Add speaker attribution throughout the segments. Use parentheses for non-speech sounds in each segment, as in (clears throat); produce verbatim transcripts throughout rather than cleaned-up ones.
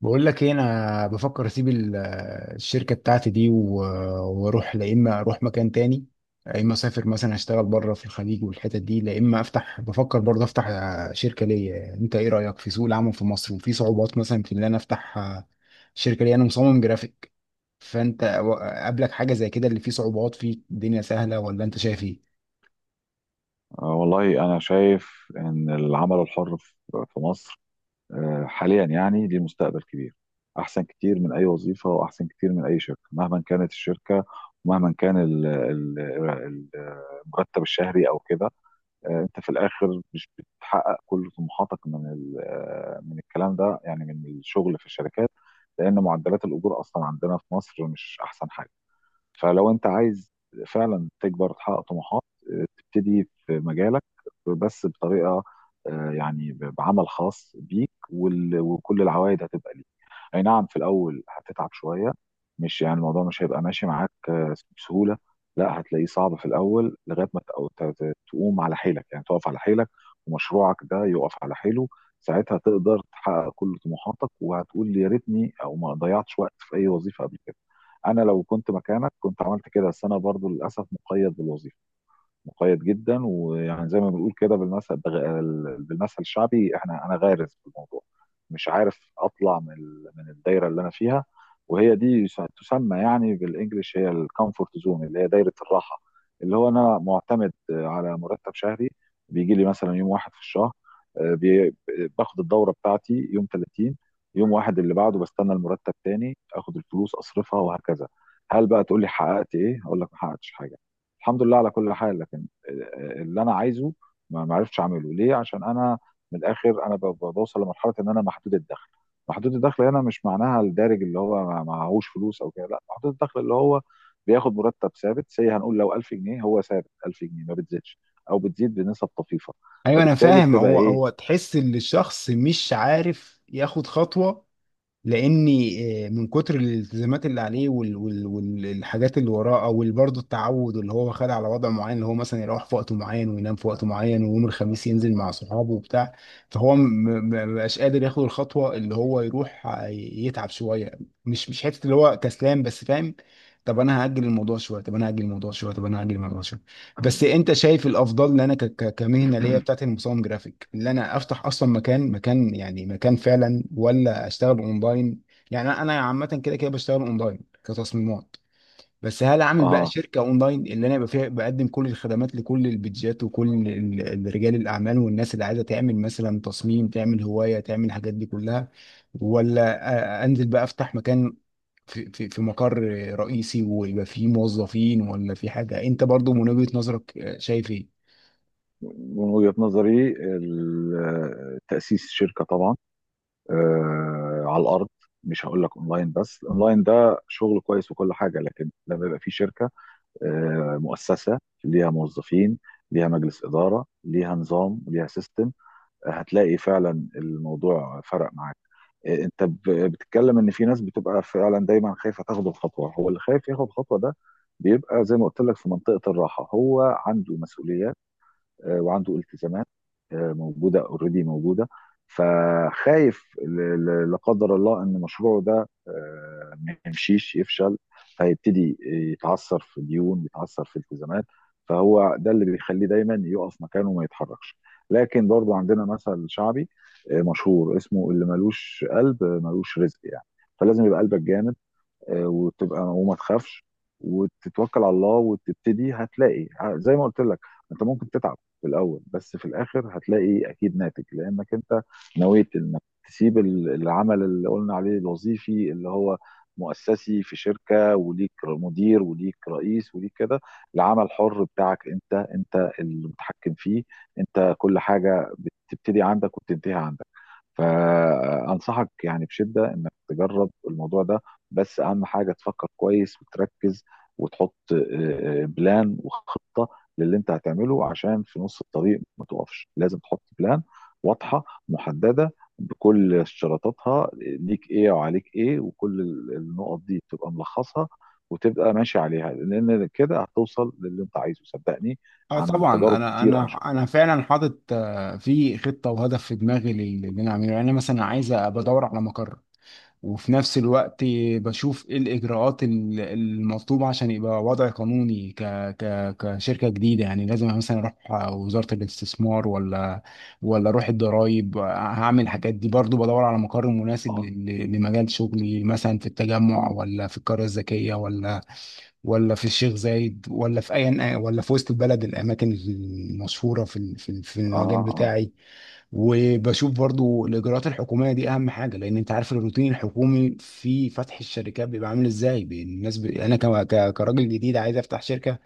Speaker 1: بقول لك ايه، انا بفكر اسيب ال- الشركه بتاعتي دي و- واروح، لا اما اروح مكان تاني يا اما اسافر مثلا اشتغل بره في الخليج والحتت دي، لا اما افتح، بفكر برضه افتح شركه ليا. انت ايه رايك في سوق العمل في مصر؟ وفي صعوبات مثلا في ان انا افتح شركه ليا؟ انا مصمم جرافيك. فانت و- قابلك حاجه زي كده؟ اللي فيه صعوبات، فيه الدنيا سهله، ولا انت شايف ايه؟
Speaker 2: آه، والله أنا شايف إن العمل الحر في في مصر آه، حاليا، يعني ليه مستقبل كبير أحسن كتير من أي وظيفة، وأحسن كتير من أي شركة مهما كانت الشركة، ومهما كان ال- ال- ال- المرتب الشهري أو كده. آه، أنت في الآخر مش بتحقق كل طموحاتك من ال- آه، من الكلام ده، يعني من الشغل في الشركات، لأن معدلات الأجور أصلا عندنا في مصر مش أحسن حاجة. فلو انت عايز فعلا تكبر، تحقق طموحات، آه، تبتدي في مجالك، بس بطريقه، آه، يعني ب- بعمل خاص بيك، وال- وكل العوائد هتبقى ليك. اي نعم، في الاول هتتعب شويه، مش يعني الموضوع مش هيبقى ماشي معاك آه، بسهوله، لا، هتلاقيه صعب في الاول لغايه ما تقو- ت- ت- تقوم على حيلك، يعني تقف على حيلك ومشروعك ده يقف على حيله. ساعتها تقدر تحقق كل طموحاتك، وهتقول يا ريتني او ما ضيعتش وقت في اي وظيفه قبل كده. انا لو كنت مكانك كنت عملت كده، بس انا برضو للاسف مقيد بالوظيفه، مقيد جدا، ويعني زي ما بنقول كده بالمثل بغ- بالمثل الشعبي، احنا، انا غارز في الموضوع، مش عارف اطلع من ال- من الدايره اللي انا فيها، وهي دي يس- تسمى يعني بالانجلش هي الكومفورت زون، اللي هي دايره الراحه. اللي هو انا معتمد على مرتب شهري بيجي لي مثلا يوم واحد في الشهر، آه، بي- باخد الدوره بتاعتي يوم ثلاثين، يوم واحد اللي بعده بستنى المرتب تاني، اخد الفلوس اصرفها، وهكذا. هل بقى تقول لي حققت ايه؟ اقول لك ما حققتش حاجه، الحمد لله على كل حال. لكن اللي انا عايزه ما ما عرفتش اعمله، ليه؟ عشان انا، من الاخر، انا ب- ب- بوصل لمرحله ان انا محدود الدخل. محدود الدخل هنا مش معناها الدارج اللي هو ما- معهوش فلوس او كده، لا، محدود الدخل اللي هو بياخد مرتب ثابت، سي هنقول لو ألف جنيه، هو ثابت ألف جنيه، ما بتزيدش او بتزيد بنسب طفيفه.
Speaker 1: ايوه انا
Speaker 2: فبالتالي
Speaker 1: فاهم.
Speaker 2: بتبقى
Speaker 1: هو هو
Speaker 2: ايه؟
Speaker 1: تحس ان الشخص مش عارف ياخد خطوه لاني آه، من كتر الالتزامات اللي عليه وال- وال- والحاجات اللي وراه، او ال- برضه التعود اللي هو خد على وضع معين، اللي هو مثلا يروح في وقت معين وينام في وقت معين، ويوم الخميس ينزل مع صحابه وبتاع. فهو م- م- ما بقاش قادر ياخد الخطوه، اللي هو يروح آه، يتعب شويه. مش مش حته اللي هو كسلان، بس فاهم. طب انا هاجل الموضوع شويه، طب انا هاجل الموضوع شويه، طب انا هاجل الموضوع شويه. بس انت شايف الافضل ان انا ك- ك- كمهنه ليا بتاعت
Speaker 2: (clears throat)
Speaker 1: المصمم جرافيك، اللي انا افتح اصلا مكان، مكان يعني مكان فعلا، ولا اشتغل اونلاين؟ يعني انا أنا عامه كده كده بشتغل اونلاين كتصميمات. بس هل اعمل بقى
Speaker 2: اه،
Speaker 1: شركه اونلاين اللي انا يبقى فيها بقدم كل الخدمات لكل البيدجات وكل ال- ال- رجال الاعمال والناس اللي عايزه تعمل مثلا تصميم، تعمل هوايه، تعمل الحاجات دي كلها؟ ولا أ- انزل بقى افتح مكان، في في في مقر رئيسي ويبقى فيه موظفين، ولا في حاجة؟ انت برضو من وجهة نظرك آه، شايف ايه؟
Speaker 2: من وجهه نظري ال- تاسيس شركه طبعا آه، على الارض، مش هقول لك اونلاين، بس الاونلاين ده شغل كويس وكل حاجه، لكن لما يبقى في شركه آه، مؤسسه، ليها موظفين، ليها مجلس اداره، ليها نظام، ليها سيستم، آه، هتلاقي فعلا الموضوع فرق معاك. آه، انت ب- بتتكلم ان في ناس بتبقى فعلا دايما خايفه تاخد الخطوه. هو اللي خايف ياخد الخطوه ده بيبقى زي ما قلت لك في منطقه الراحه، هو عنده مسؤوليات آه، وعنده التزامات آه، موجوده اوريدي موجوده، فخايف ل- ل- لا قدر الله ان مشروعه ده آه، ما يمشيش، يفشل، فيبتدي يتعثر في ديون، يتعثر في التزامات، فهو ده اللي بيخليه دايما يقف مكانه وما يتحركش. لكن برضو عندنا مثل شعبي آه، مشهور اسمه، اللي ملوش قلب آه، ملوش رزق، يعني فلازم يبقى قلبك جامد آه، وتبقى وما تخافش وتتوكل على الله وتبتدي، هتلاقي ه- زي ما قلت لك، انت ممكن تتعب في الاول، بس في الاخر هتلاقي اكيد ناتج، لانك انت نويت انك تسيب ال- العمل اللي قلنا عليه الوظيفي، اللي هو مؤسسي في شركة وليك مدير وليك رئيس وليك كده. العمل حر بتاعك انت، انت المتحكم فيه، انت كل حاجة بتبتدي عندك وبتنتهي عندك. فانصحك يعني بشده انك تجرب الموضوع ده، بس اهم حاجه تفكر كويس وتركز وتحط آه، بلان وخطه للي انت هتعمله، عشان في نص الطريق ما تقفش. لازم تحط بلان واضحه محدده بكل اشتراطاتها، ليك ايه وعليك ايه، وكل ال- النقط دي تبقى ملخصها وتبقى ماشي عليها، لان كده هتوصل للي انت عايزه صدقني،
Speaker 1: اه
Speaker 2: عن
Speaker 1: طبعا،
Speaker 2: تجارب
Speaker 1: انا
Speaker 2: كتير انا
Speaker 1: انا
Speaker 2: شفتها.
Speaker 1: انا فعلا حاطط آه، في خطه وهدف في دماغي لل- اللي انا اعمله. يعني انا مثلا عايز ابقى ادور على مقر، وفي نفس الوقت بشوف ايه الاجراءات ال- المطلوبه عشان يبقى وضع قانوني ك ك كشركه جديده. يعني لازم مثلا اروح وزاره الاستثمار ولا ولا اروح الضرايب، هعمل الحاجات دي. برضو بدور على مقر مناسب
Speaker 2: اه،
Speaker 1: لل- لمجال شغلي، مثلا في التجمع ولا في القريه الذكيه ولا ولا في الشيخ زايد ولا في اي، ولا في وسط البلد، الاماكن المشهوره في ال- في ال- في
Speaker 2: اه،
Speaker 1: المجال
Speaker 2: اه، آه،
Speaker 1: بتاعي. وبشوف برضو الاجراءات الحكوميه دي اهم حاجه، لان انت عارف الروتين الحكومي في فتح الشركات بيبقى عامل ازاي. بي- الناس ب... انا ك... ك... كراجل جديد عايز افتح شركه،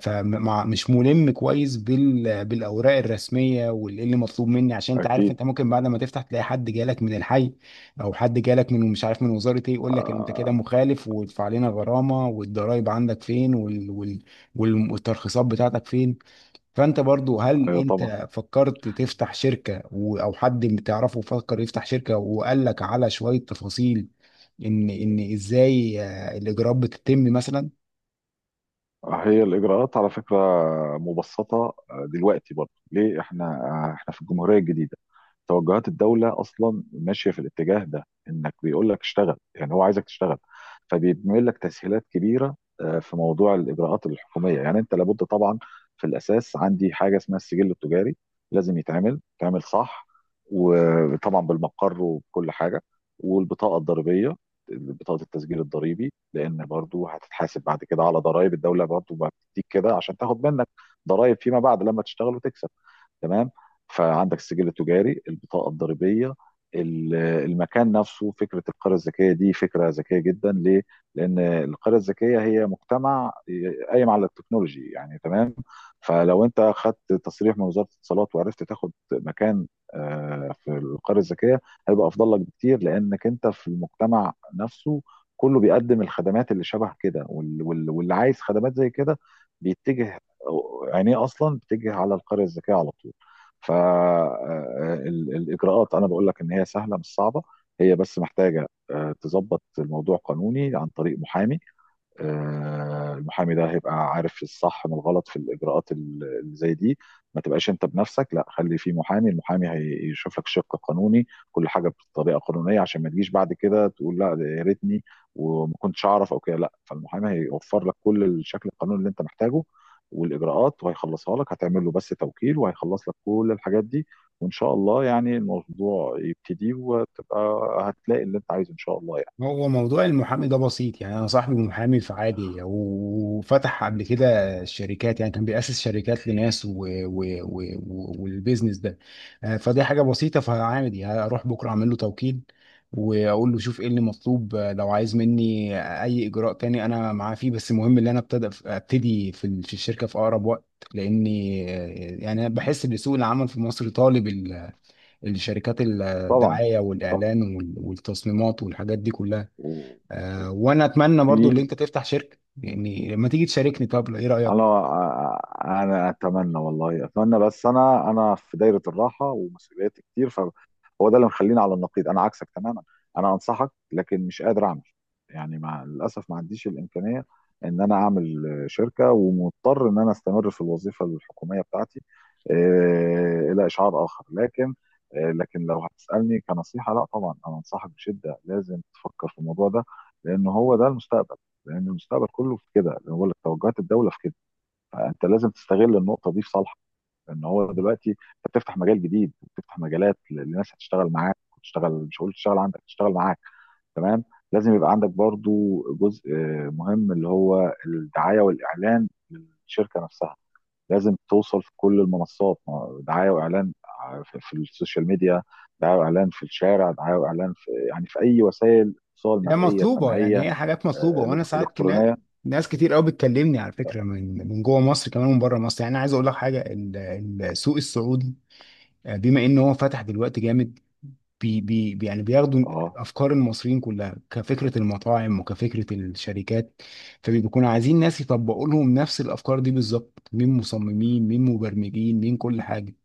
Speaker 1: فمش ملم كويس بال... بالاوراق الرسميه وايه اللي مطلوب مني. عشان انت عارف،
Speaker 2: اكيد.
Speaker 1: انت ممكن بعد ما تفتح تلاقي حد جالك من الحي، او حد جالك من مش عارف من وزاره ايه يقول لك انت كده
Speaker 2: آه،
Speaker 1: مخالف، وادفع لنا غرامه، والضرايب عندك فين، وال... وال... وال- والترخيصات بتاعتك فين. فانت برضو هل
Speaker 2: ايوه طبعا.
Speaker 1: انت فكرت تفتح شركة، و- او حد بتعرفه فكر يفتح شركة وقال لك على شوية تفاصيل ان ان ازاي آه، الاجراءات بتتم مثلا؟
Speaker 2: هي الإجراءات على فكرة مبسطة آه، دلوقتي، برضه ليه؟ احنا آه، احنا في الجمهورية الجديدة، توجهات الدولة أصلا ماشية في الاتجاه ده، إنك بيقول لك اشتغل، يعني هو عايزك تشتغل، فبيعمل لك تسهيلات كبيرة آه، في موضوع الإجراءات الحكومية. يعني أنت لابد طبعا، في الأساس عندي حاجة اسمها السجل التجاري، لازم يتعمل، يتعمل صح، وطبعا بالمقر وبكل حاجة، والبطاقة الضريبية، بطاقة التسجيل الضريبي، لان برضو هتتحاسب بعد كده على ضرائب الدوله، برضو ما بتديك كده عشان تاخد منك ضرائب فيما بعد لما تشتغل وتكسب، تمام؟ فعندك السجل التجاري، البطاقه الضريبيه، ال- المكان نفسه. فكره القريه الذكيه دي فكره ذكيه جدا، ليه؟ لان القريه الذكيه هي مجتمع قايم على التكنولوجي يعني، تمام؟ فلو انت خدت تصريح من وزاره الاتصالات، وعرفت تاخد مكان آه، في القريه الذكيه، هيبقى افضل لك بكتير، لانك انت في المجتمع نفسه كله بيقدم الخدمات اللي شبه كده، وال- وال- واللي عايز خدمات زي كده بيتجه، عينيه اصلا بتجه على القريه الذكيه على طول. فالاجراءات انا بقول لك ان هي سهله مش صعبه، هي بس محتاجه آه، تظبط الموضوع قانوني عن طريق محامي. آه، المحامي ده هيبقى عارف الصح من الغلط في الاجراءات ال- اللي زي دي، ما تبقاش انت بنفسك، لا، خلي في محامي، المحامي هيشوف لك شق قانوني، كل حاجه بطريقه قانونيه، عشان ما تجيش بعد كده تقول لا ده يا ريتني وما كنتش اعرف او كده، لا، فالمحامي هيوفر لك كل الشكل القانوني اللي انت محتاجه والاجراءات، وهيخلصها لك، هتعمل له بس توكيل وهيخلص لك كل الحاجات دي، وان شاء الله يعني الموضوع يبتدي وتبقى هتلاقي اللي انت عايزه ان شاء الله يعني.
Speaker 1: هو موضوع المحامي ده بسيط. يعني انا صاحبي محامي، فعادي، وفتح قبل كده شركات، يعني كان بيأسس شركات لناس و... و... و... و... والبيزنس ده. آه، فدي حاجة بسيطة، فعادي هروح بكرة اعمل له توكيل، واقول له شوف ايه اللي مطلوب آه، لو عايز مني اي اجراء تاني انا معاه فيه. بس المهم ان انا ابتدي ابتدي في ال- في الشركة في اقرب وقت، لاني آه، يعني أنا بحس ان سوق العمل في مصر طالب ال- الشركات،
Speaker 2: طبعا.
Speaker 1: الدعاية
Speaker 2: طبعا.
Speaker 1: والاعلان وال- والتصميمات والحاجات دي كلها.
Speaker 2: و...
Speaker 1: آه، وانا اتمنى برضو ان
Speaker 2: Oui,
Speaker 1: انت تفتح شركه، يعني لما تيجي تشاركني. طب ايه رايك؟
Speaker 2: انا انا اتمنى والله، اتمنى، بس انا، انا في دايره الراحه ومسؤوليات كتير، فهو ده اللي مخليني على النقيض، انا عكسك تماما، انا انصحك لكن مش قادر اعمل، يعني مع للاسف ما عنديش الامكانيه ان انا اعمل شركه، ومضطر ان انا استمر في الوظيفه الحكوميه بتاعتي آه، الى اشعار اخر. لكن آه، لكن لو هتسالني كنصيحه، لا طبعا، انا انصحك بشده، لازم تفكر في الموضوع ده، لان هو ده المستقبل، لان المستقبل كله في كده، اللي هو توجهات الدوله في كده، فانت لازم تستغل النقطه دي في صالحك، لان هو دلوقتي انت بتفتح مجال جديد، بتفتح مجالات ل- لناس هتشتغل معاك، وتشتغل، مش هقول تشتغل عندك، تشتغل معاك، تمام؟ لازم يبقى عندك برضو جزء آه، مهم، اللي هو الدعايه والاعلان للشركه نفسها، لازم توصل في كل المنصات، ما- دعايه واعلان ع- في في السوشيال ميديا، دعايه واعلان في الشارع، دعايه واعلان في، يعني في اي وسائل اتصال
Speaker 1: هي
Speaker 2: مرئيه
Speaker 1: مطلوبه، يعني
Speaker 2: سمعيه
Speaker 1: هي حاجات مطلوبه.
Speaker 2: آه،
Speaker 1: وانا
Speaker 2: إلك-
Speaker 1: ساعات كنا-
Speaker 2: الكترونيه.
Speaker 1: ناس كتير قوي بتكلمني على فكره من من جوه مصر كمان، من بره مصر. يعني انا عايز اقول لك حاجه، ال- السوق السعودي آه، بما ان هو فتح دلوقتي جامد، بي بي بي- يعني بياخدوا
Speaker 2: اه،
Speaker 1: افكار المصريين كلها، كفكره المطاعم وكفكره الشركات. فبيكونوا عايزين ناس يطبقوا لهم نفس الافكار دي بالظبط، مين مصممين، مين مبرمجين، مين كل حاجه.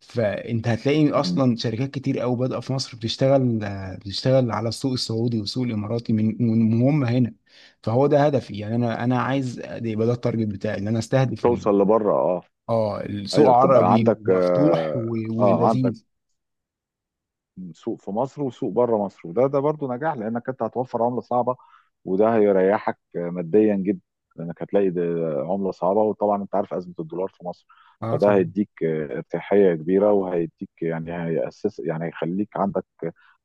Speaker 1: فانت هتلاقي
Speaker 2: مهم.
Speaker 1: اصلا شركات كتير قوي بادئه في مصر بتشتغل، آه، بتشتغل على السوق السعودي والسوق الاماراتي من من هم هنا. فهو ده هدفي، يعني انا انا عايز ده يبقى، ده التارجت بتاعي، ان انا استهدف ال-
Speaker 2: توصل لبره، اه.
Speaker 1: اه السوق
Speaker 2: ايوه، تبقى
Speaker 1: عربي
Speaker 2: عندك،
Speaker 1: ومفتوح
Speaker 2: اه
Speaker 1: و-
Speaker 2: آه، عندك
Speaker 1: ولذيذ.
Speaker 2: سوق في مصر وسوق بره مصر، وده ده برضو نجاح، لانك انت هتوفر عمله صعبه، وده هيريحك ماديا جدا، لانك هتلاقي ده عمله صعبه، وطبعا انت عارف ازمه الدولار في مصر،
Speaker 1: اه
Speaker 2: فده
Speaker 1: طبعا.
Speaker 2: هيديك آه، ارتياحيه كبيره، وهيديك يعني هيأسس، يعني هيخليك عندك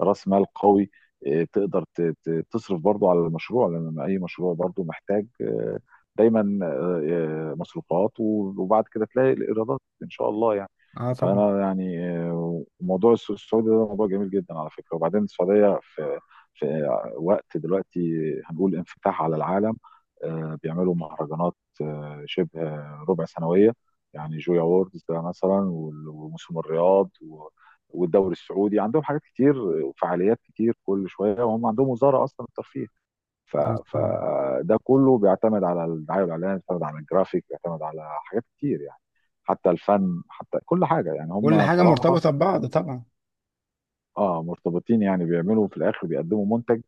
Speaker 2: راس مال قوي آه، تقدر ت- ت- تصرف برضو على المشروع، لان اي مشروع برضو محتاج آه، دايما آه، آه، مصروفات، وبعد كده تلاقي الايرادات ان شاء الله يعني.
Speaker 1: اه طبعا.
Speaker 2: فانا يعني آه، موضوع السوق السعودي ده موضوع جميل جدا على فكره. وبعدين السعوديه في في وقت دلوقتي هنقول انفتاح على العالم آه، بيعملوا مهرجانات آه، شبه ربع سنويه، يعني جويا ووردز ده مثلا، وال- وموسم الرياض، و- والدوري السعودي، عندهم حاجات كتير وفعاليات كتير كل شويه، وهم عندهم وزاره اصلا الترفيه،
Speaker 1: اه طبعا.
Speaker 2: فده كله بيعتمد على الدعايه والاعلان، بيعتمد على الجرافيك، بيعتمد على حاجات كتير يعني، حتى الفن، حتى كل حاجه يعني،
Speaker 1: كل
Speaker 2: هم
Speaker 1: حاجه
Speaker 2: بصراحه،
Speaker 1: مرتبطه ببعض طبعا.
Speaker 2: اه، مرتبطين، يعني بيعملوا في الاخر بيقدموا منتج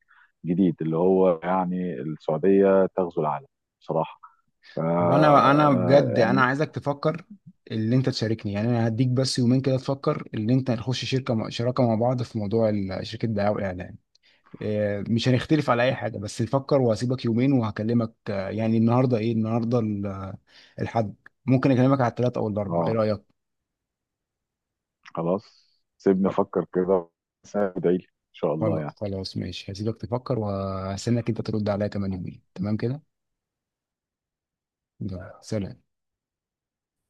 Speaker 2: جديد، اللي هو يعني السعوديه تغزو العالم بصراحه. ف
Speaker 1: طب انا انا
Speaker 2: آه،
Speaker 1: بجد انا
Speaker 2: يعني.
Speaker 1: عايزك تفكر اللي انت تشاركني. يعني انا هديك بس يومين كده تفكر اللي انت نخش شركه مع- شراكه مع بعض في موضوع ال- شركه دعايه واعلان. آه، مش هنختلف على اي حاجه، بس نفكر. وهسيبك يومين وهكلمك آه، يعني النهارده ايه؟ النهارده ال- آه، الحد. ممكن اكلمك على الثلاث او الاربع، ايه
Speaker 2: اه،
Speaker 1: رايك؟
Speaker 2: خلاص، سيبني افكر كده، بس ادعي لي ان شاء الله
Speaker 1: خل-
Speaker 2: يعني.
Speaker 1: خلاص ماشي، هسيبك تفكر وهستناك انت ترد عليا كمان يومين، تمام كده. يلا، سلام.